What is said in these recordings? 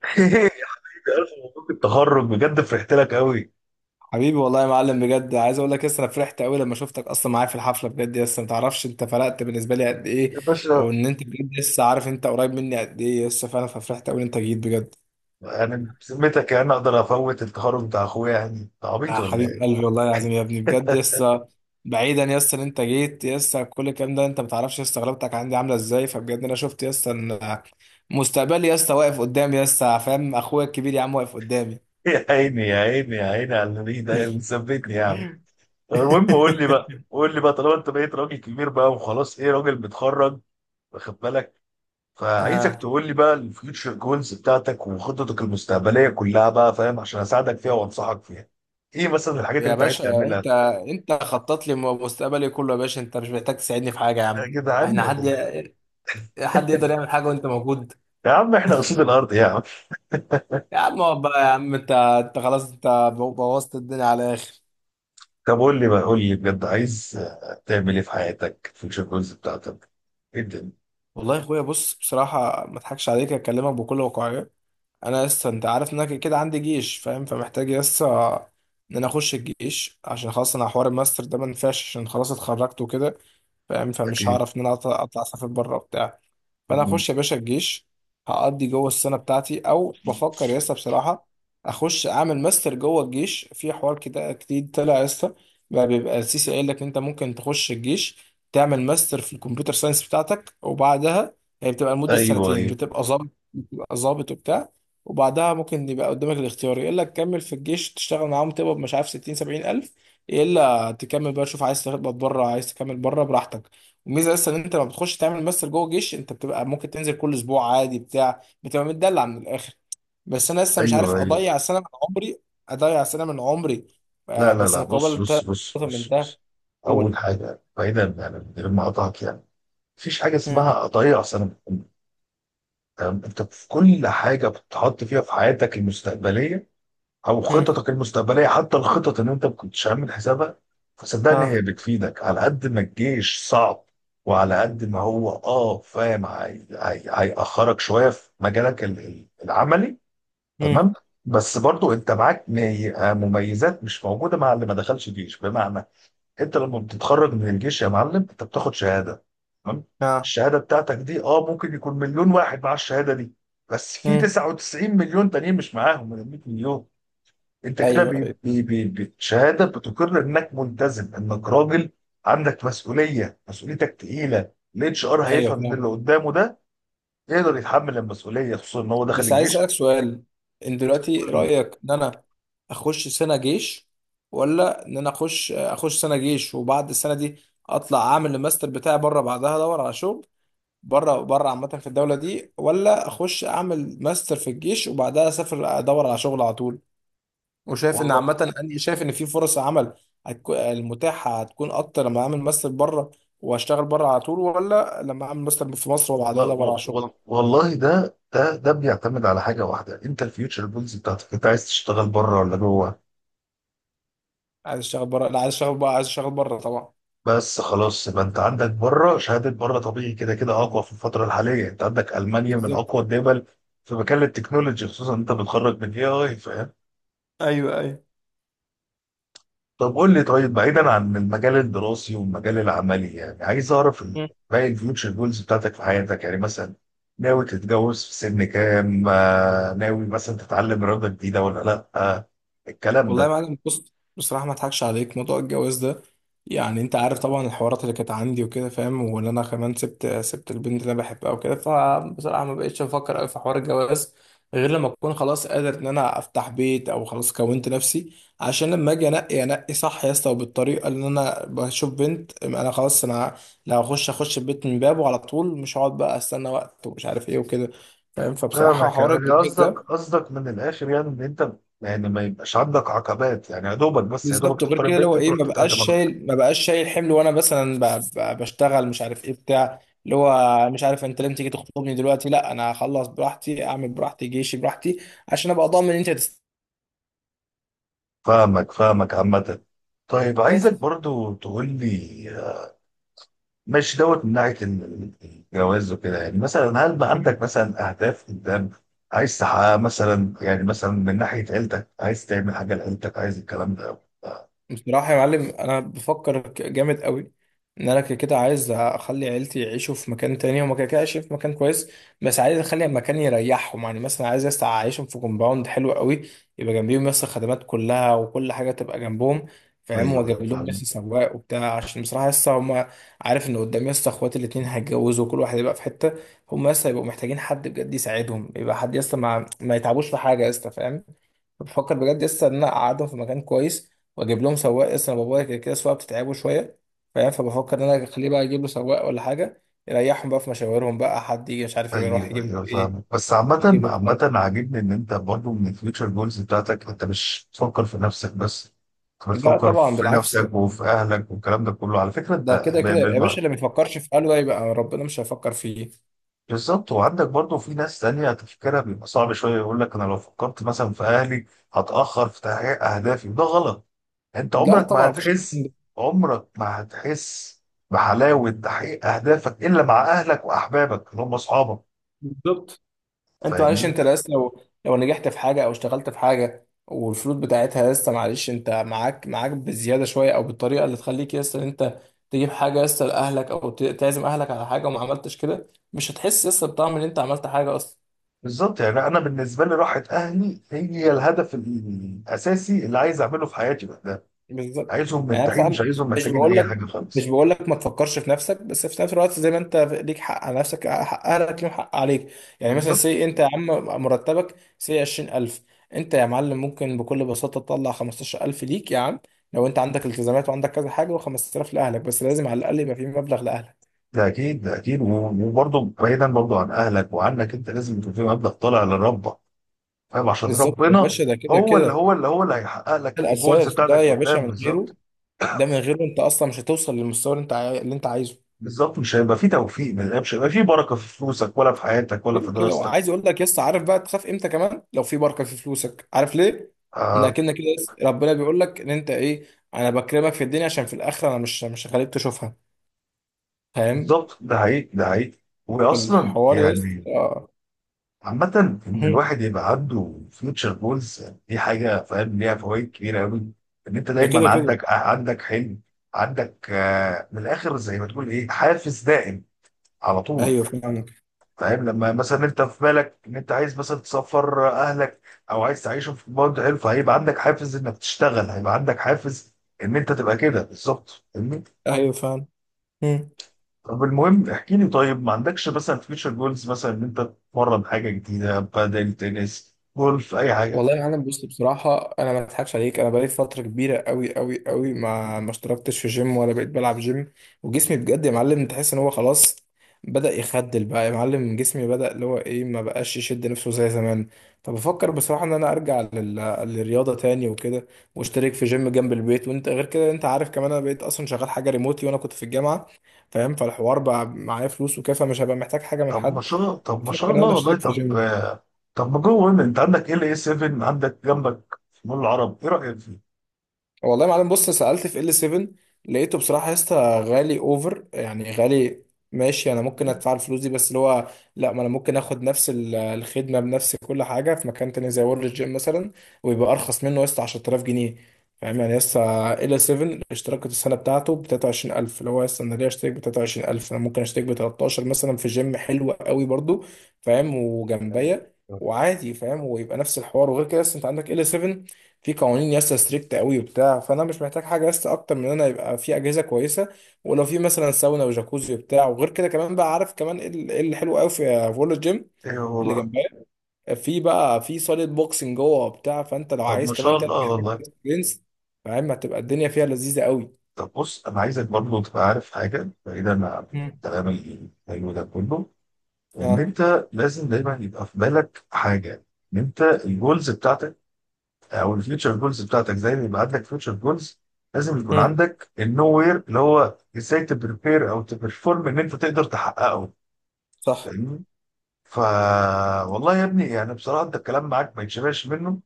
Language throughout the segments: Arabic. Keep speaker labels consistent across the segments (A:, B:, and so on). A: ألف مبروك التخرج بجد فرحت لك قوي.
B: حبيبي والله يا معلم، بجد عايز اقول لك انا فرحت قوي لما شفتك اصلا معايا في الحفله. بجد ما تعرفش انت فرقت بالنسبه لي قد ايه،
A: يا باشا،
B: ان انت بجد لسه عارف انت قريب مني قد ايه لسه فعلا، ففرحت قوي ان انت جيت بجد.
A: أنا بذمتك يعني أقدر أفوت التخرج بتاع أخويا؟ يعني أنت عبيط
B: يا
A: ولا
B: حبيب
A: إيه؟
B: قلبي، والله العظيم يا ابني، بجد لسه. بعيدا ان انت جيت لسه، كل الكلام ده انت ما تعرفش لسه غلبتك عندي عامله ازاي، فبجد انا شفت لسه ان مستقبلي لسه واقف قدامي، لسه فاهم؟ اخويا الكبير يا عم واقف قدامي.
A: يا عيني يا عيني يا عيني على النبي، ده مثبتني يعني. طب المهم قول لي بقى، قول لي بقى، طالما أنت بقيت راجل كبير بقى وخلاص، إيه راجل متخرج واخد بالك؟ فعايزك
B: آه.
A: تقول لي بقى الفيوتشر جولز بتاعتك وخططك المستقبلية كلها بقى، فاهم، عشان أساعدك فيها وأنصحك فيها. إيه مثلا الحاجات اللي
B: يا
A: أنت عايز
B: باشا، انت
A: تعملها؟
B: انت خطط لي مستقبلي كله يا باشا، انت مش محتاج تساعدني في حاجه يا
A: يا
B: عم.
A: جدعان
B: احنا
A: يا
B: حد
A: جدعان.
B: حد يقدر يعمل حاجه وانت موجود؟
A: يا عم إحنا قصاد الأرض يا عم.
B: يا عم اقعد بقى يا عم، انت خلاص انت بوظت الدنيا على الاخر.
A: طب قول لي بقى، قول لي بجد، عايز تعمل ايه في حياتك؟ في الجوز بتاعتك ايه الدنيا
B: والله يا اخويا بص بصراحه، ما اضحكش عليك، اكلمك بكل واقعيه. انا لسه انت عارف ان انا كده كده عندي جيش فاهم، فمحتاج لسه ان انا اخش الجيش، عشان خلاص انا حوار الماستر ده ما ينفعش، عشان خلاص اتخرجت وكده فاهم،
A: بتاعتك
B: فمش
A: ايه؟
B: هعرف ان انا اطلع اسافر بره وبتاع. فانا
A: مم.
B: اخش يا باشا الجيش، هقضي جوه السنه بتاعتي، او بفكر يا اسطى بصراحه اخش اعمل ماستر جوه الجيش، في حوار كده جديد طلع يا اسطى، بقى بيبقى السيسي قايل لك انت ممكن تخش الجيش، تعمل ماستر في الكمبيوتر ساينس بتاعتك، وبعدها هي بتبقى لمده
A: ايوه،
B: سنتين،
A: ايوه.
B: بتبقى ظابط، بتبقى ظابط وبتاع، وبعدها ممكن يبقى قدامك الاختيار يقول لك كمل في الجيش تشتغل معاهم تقبض مش عارف 60 70 الف، يا الا تكمل بقى، شوف عايز تقبض بره عايز تكمل بره براحتك. الميزه اصلا ان انت لما بتخش تعمل ماستر جوه الجيش انت بتبقى ممكن تنزل كل اسبوع عادي بتاع، بتبقى متدلع من الاخر. بس انا لسه مش
A: ايوه،
B: عارف
A: ايوه.
B: اضيع سنه من عمري، اضيع سنه من عمري،
A: لا
B: آه،
A: لا
B: بس
A: لا، بص
B: مقابل
A: بص
B: تلات
A: بص
B: نقط من
A: بص،
B: ده.
A: بص. اول
B: قول.
A: حاجه، بعيدا يعني، من غير ما اقطعك يعني، مفيش حاجه
B: مم.
A: اسمها اضيع سنه من عمري. تمام، انت في كل حاجه بتحط فيها في حياتك المستقبليه او
B: مم.
A: خططك المستقبليه، حتى الخطط اللي انت ما كنتش عامل حسابها، فصدقني هي
B: ها.
A: بتفيدك. على قد ما الجيش صعب وعلى قد ما هو فاهم، هيأخرك شويه في مجالك العملي،
B: مم.
A: تمام؟ بس برضو انت معاك مميزات مش موجوده مع اللي ما دخلش جيش. بمعنى انت لما بتتخرج من الجيش يا معلم، انت بتاخد شهاده، تمام.
B: ها.
A: الشهاده بتاعتك دي اه ممكن يكون مليون واحد مع الشهاده دي، بس في
B: مم.
A: 99 مليون تانيين مش معاهم من 100 مليون. انت كده
B: ايوه، ايوه،
A: بالشهاده بتقر انك ملتزم، انك راجل عندك مسؤوليه، مسؤوليتك تقيله، الاتش ار
B: ايوه
A: هيفهم ان اللي
B: فاهم.
A: قدامه ده يقدر يتحمل المسؤوليه، خصوصا ان هو دخل
B: بس عايز
A: الجيش.
B: اسالك سؤال، ان دلوقتي
A: كل-
B: رايك ان انا اخش سنه جيش، ولا ان انا اخش سنه جيش وبعد السنه دي اطلع اعمل الماستر بتاعي بره، بعدها ادور على شغل بره عامه في الدوله دي، ولا اخش اعمل ماستر في الجيش وبعدها اسافر ادور على شغل على طول. وشايف ان
A: والله
B: عامه انا شايف ان في فرص عمل هتكون المتاحه هتكون اكتر لما اعمل ماستر بره واشتغل بره على طول، ولا لما اعمل ماستر في مصر وبعدها ادور
A: والله
B: على شغل.
A: والله والله، ده بيعتمد على حاجه واحده. انت الفيوتشر بولز بتاعتك انت عايز تشتغل بره ولا جوه؟
B: عايز اشتغل بره، لا عايز اشتغل بقى، عايز اشتغل بره طبعا.
A: بس خلاص، يبقى انت عندك بره شهاده، بره طبيعي كده كده اقوى في الفتره الحاليه. انت عندك المانيا من
B: بالظبط.
A: اقوى الدول في مجال التكنولوجي، خصوصا انت بتخرج من اي فاهم.
B: ايوه ايوه.
A: طب قول لي، طيب بعيدا عن المجال الدراسي والمجال العملي، يعني عايز اعرف باقي الفيوتشر جولز بتاعتك في حياتك، يعني مثلا ناوي تتجوز في سن كام؟ آه، ناوي مثلا تتعلم رياضة جديدة ولا لا؟ آه، الكلام
B: والله يا
A: ده.
B: معلم بص بصراحة ما اضحكش عليك، موضوع الجواز ده يعني انت عارف طبعا الحوارات اللي كانت عندي وكده فاهم، وان انا كمان سبت البنت اللي انا بحبها وكده، فبصراحة ما بقتش افكر قوي في حوار الجواز، غير لما اكون خلاص قادر ان انا افتح بيت او خلاص كونت نفسي، عشان لما اجي انقي صح يا اسطى وبالطريقة اللي انا بشوف بنت، انا خلاص انا لو اخش البيت من بابه على طول، مش هقعد بقى استنى وقت ومش عارف ايه وكده فاهم، فبصراحة
A: فاهمك،
B: حوار
A: يعني
B: الجواز
A: قصدك
B: ده.
A: قصدك من الاخر يعني ان انت يعني ما يبقاش عندك عقبات يعني، يا دوبك بس، يا دوبك
B: بالظبط. وغير
A: تختار
B: كده اللي
A: البنت
B: هو ايه،
A: تروح
B: ما بقاش
A: تتقدم
B: شايل، ما بقاش شايل حمل، وانا مثلا بشتغل مش عارف ايه بتاع، اللي هو مش عارف انت لازم تيجي تخطبني دلوقتي. لا انا هخلص براحتي، اعمل براحتي جيشي براحتي، عشان ابقى ضامن ان انت
A: فاهمك، فاهمك عامة. طيب عايزك
B: هتستفيد.
A: برضو تقول لي، مش دوت من ناحيه الجواز وكده، يعني مثلا هل بقى عندك مثلا اهداف قدام عايز تحققها؟ مثلا يعني مثلا من ناحيه عيلتك، عايز تعمل حاجه لعيلتك؟ عايز الكلام ده؟
B: بصراحة يا معلم أنا بفكر جامد قوي، إن أنا كده كده عايز أخلي عيلتي يعيشوا في مكان تاني، هما كده كده عايشين في مكان كويس، بس عايز أخلي مكان يريحهم. يعني مثلا عايز أعيشهم في كومباوند حلو قوي، يبقى جنبيهم الخدمات كلها وكل حاجة تبقى جنبهم فاهم،
A: ايوه،
B: وأجيب
A: ايوه،
B: لهم
A: فاهمك.
B: سواق وبتاع، عشان بصراحة هما عارف إن قدام إخواتي الاتنين هيتجوزوا وكل واحد يبقى في حتة، هما هيبقوا محتاجين حد بجد يساعدهم، يبقى حد يس ما, ما يتعبوش في حاجة، فاهم. بفكر بجد لسه ان انا اقعدهم في مكان كويس، واجيب لهم سواق. لسه انا بابايا كده كده السواقه بتتعبه شويه فاهم، فبفكر ان انا اخليه بقى اجيب له سواق ولا حاجه يريحهم بقى في مشاويرهم، بقى حد يجي مش عارف يروح
A: ايوه،
B: يجيب له
A: ايوه،
B: ايه،
A: فاهمك. بس عامه،
B: يجيب له
A: عامه،
B: كده.
A: عاجبني ان انت برضو من الفيوتشر جولز بتاعتك انت مش بتفكر في نفسك بس، انت
B: لا
A: بتفكر
B: طبعا،
A: في
B: بالعكس،
A: نفسك وفي اهلك والكلام ده كله. على فكره
B: ده
A: انت
B: كده كده يا باشا اللي ما يفكرش في قلبه يبقى ربنا مش هيفكر فيه.
A: بالظبط. وعندك برضه في ناس تانية تفكيرها بيبقى صعب شوية، يقول لك أنا لو فكرت مثلا في أهلي هتأخر في تحقيق أهدافي، وده غلط. أنت
B: لا
A: عمرك ما
B: طبعا، مفيش الكلام
A: هتحس،
B: ده.
A: عمرك ما هتحس بحلاوة تحقيق أهدافك إلا مع أهلك وأحبابك اللي هم أصحابك،
B: بالظبط. انت معلش
A: فاهمني؟
B: انت لسه لو نجحت في حاجه او اشتغلت في حاجه والفلوس بتاعتها لسه، معلش انت معاك بزياده شويه او بالطريقه اللي تخليك لسه ان انت تجيب حاجه لسه لاهلك، او تعزم اهلك على حاجه وما عملتش كده، مش هتحس لسه بطعم ان انت عملت حاجه اصلا.
A: بالظبط. يعني أنا بالنسبة لي راحة أهلي هي الهدف الأساسي اللي عايز أعمله في حياتي بقى، ده
B: بالظبط.
A: عايزهم
B: يعني أنا
A: مرتاحين، مش
B: بصراحة
A: عايزهم
B: مش
A: محتاجين
B: بقول
A: أي
B: لك
A: حاجة
B: مش
A: خالص.
B: بقول لك ما تفكرش في نفسك، بس في نفس الوقت زي ما انت ليك حق على نفسك، حق اهلك ليهم حق عليك. يعني مثلا
A: بالظبط.
B: سي انت يا عم، مرتبك سي 20000، انت يا معلم ممكن بكل بساطة تطلع 15000 ليك يا عم، لو انت عندك التزامات وعندك كذا حاجة، و5000 لاهلك. بس لازم على الاقل يبقى في مبلغ لاهلك.
A: ده اكيد، ده اكيد وبرضه بعيدا برضه عن اهلك وعنك، انت لازم يكون في مبدأ طالع لربك، فاهم، عشان
B: بالظبط يا
A: ربنا
B: باشا، ده كده
A: هو
B: كده
A: اللي
B: ده
A: هو اللي هو اللي هيحقق لك الجولز
B: الاساس، ده
A: بتاعتك
B: يا باشا
A: قدام،
B: من غيره،
A: بالظبط.
B: ده من غيره انت اصلا مش هتوصل للمستوى اللي انت اللي انت عايزه.
A: بالظبط، مش هيبقى في توفيق الله، مش هيبقى في بركه في فلوسك ولا في حياتك ولا في
B: كده كده.
A: دراستك.
B: وعايز اقول لك عارف بقى تخاف امتى كمان لو في بركه في فلوسك؟ عارف ليه؟
A: آه،
B: انك كده ربنا بيقول لك ان انت ايه، انا بكرمك في الدنيا عشان في الاخره انا مش هخليك تشوفها فاهم؟
A: بالظبط، ده حقيقي، ده حقيقي. واصلا
B: الحوار يس
A: يعني
B: اه
A: عامة إن
B: هم.
A: الواحد يبقى عنده فيوتشر جولز دي حاجة، فاهم، ليها فوائد كبيرة أوي. إن أنت
B: ده كده
A: دايما
B: كده.
A: عندك حلم، عندك آه، من الآخر زي ما تقول إيه، حافز دائم على طول.
B: ايوه فاهم.
A: فاهم، لما مثلا أنت في بالك إن أنت عايز مثلا تسفر أهلك أو عايز تعيشهم في كومباوند حلو، فهيبقى عندك حافز إنك تشتغل، هيبقى عندك حافز إن أنت تبقى كده، بالظبط، فاهمني؟
B: ايوه فاهم.
A: طب المهم احكي لي، طيب ما عندكش مثلا فيوتشر جولز مثلا إن أنت تتمرن حاجة جديدة؟ بدل تنس، جولف، أي حاجة.
B: والله يا عالم بص بصراحة أنا ما أضحكش عليك، أنا بقالي فترة كبيرة أوي أوي أوي ما اشتركتش في جيم ولا بقيت بلعب جيم، وجسمي بجد يا معلم تحس إن هو خلاص بدأ يخدل بقى يا معلم، جسمي بدأ اللي هو إيه ما بقاش يشد نفسه زي زمان، فبفكر بصراحة إن أنا أرجع للرياضة تاني وكده، واشترك في جيم جنب البيت، وأنت غير كده أنت عارف كمان أنا بقيت أصلا شغال حاجة ريموتلي وأنا كنت في الجامعة فاهم، فالحوار بقى معايا فلوس وكده، فمش هبقى محتاج حاجة من حد.
A: طب ما شاء
B: بفكر إن أنا
A: الله والله،
B: أشترك في
A: طب
B: جيم.
A: آه، طب ما جو. هنا انت عندك ال اي 7، عندك جنبك مول العرب، ايه رايك فيه؟
B: والله يا معلم بص، سألت في ال 7، لقيته بصراحة يا اسطى غالي اوفر، يعني غالي. ماشي انا ممكن
A: مم.
B: ادفع الفلوس دي، بس اللي هو لا، ما انا ممكن اخد نفس الخدمة بنفس كل حاجة في مكان تاني زي وورلد جيم مثلا، ويبقى ارخص منه يا اسطى 10000 جنيه. فاهم يعني يا اسطى ال 7 اشتراك السنة بتاعته ب 23000، اللي هو يا اسطى انا ليه اشترك ب 23000؟ انا ممكن اشترك ب 13 مثلا في جيم حلو قوي برضو فاهم،
A: تمام.
B: وجنبيا وعادي فاهم، ويبقى نفس الحوار. وغير كده اصلا انت عندك ال 7 في قوانين ياسا ستريكت قوي وبتاع، فانا مش محتاج حاجه ياسا اكتر من ان انا يبقى في اجهزه كويسه، ولو في مثلا ساونا وجاكوزي وبتاع. وغير كده كمان بقى عارف كمان ايه إيه اللي حلو قوي في فول الجيم
A: ايه هو
B: اللي
A: بقى؟
B: جنبها؟ في بقى في صاله بوكسنج جوه وبتاع، فانت لو
A: طب
B: عايز
A: ما شاء
B: كمان تلعب
A: الله والله.
B: جنس فاهم، هتبقى الدنيا فيها لذيذه قوي.
A: طب بص، انا عايزك برضه تبقى عارف حاجه بعيدا عن
B: مم.
A: الكلام الحلو ده كله، ان
B: ها.
A: انت لازم دايما يبقى في بالك حاجه، ان انت الجولز بتاعتك او الفيوتشر جولز بتاعتك، زي ما يبقى عندك فيوتشر جولز لازم يكون
B: مم.
A: عندك النو وير اللي هو ازاي تبريبير او تبرفورم ان انت تقدر تحققه،
B: صح.
A: فاهمني؟ ف والله يا ابني، يعني بصراحه انت الكلام معاك ما يتشبعش منه.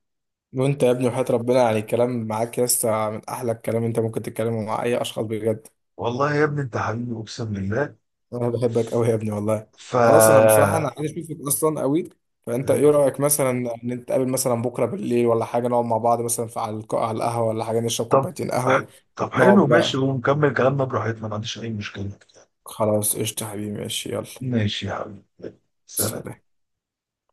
B: وانت يا ابني وحياة ربنا يعني الكلام معاك ياسا من احلى الكلام انت ممكن تتكلمه مع اي اشخاص بجد،
A: والله يا ابني انت حبيبي، اقسم بالله.
B: انا بحبك قوي يا ابني والله.
A: ف
B: خلاص انا بصراحه انا عايز اشوفك اصلا قوي، فانت ايه رايك مثلا ان انت تقابل مثلا بكره بالليل ولا حاجه، نقعد مع بعض مثلا في على على القهوه ولا حاجه، نشرب
A: طب،
B: كوبايتين قهوه،
A: طب حلو،
B: نقعد
A: ماشي،
B: بقى.
A: ونكمل كلامنا براحتنا، ما عنديش اي مشكله.
B: خلاص قشطه يا حبيبي، ماشي، يلا،
A: ماشي يا حبيبي، سلام.
B: سلام.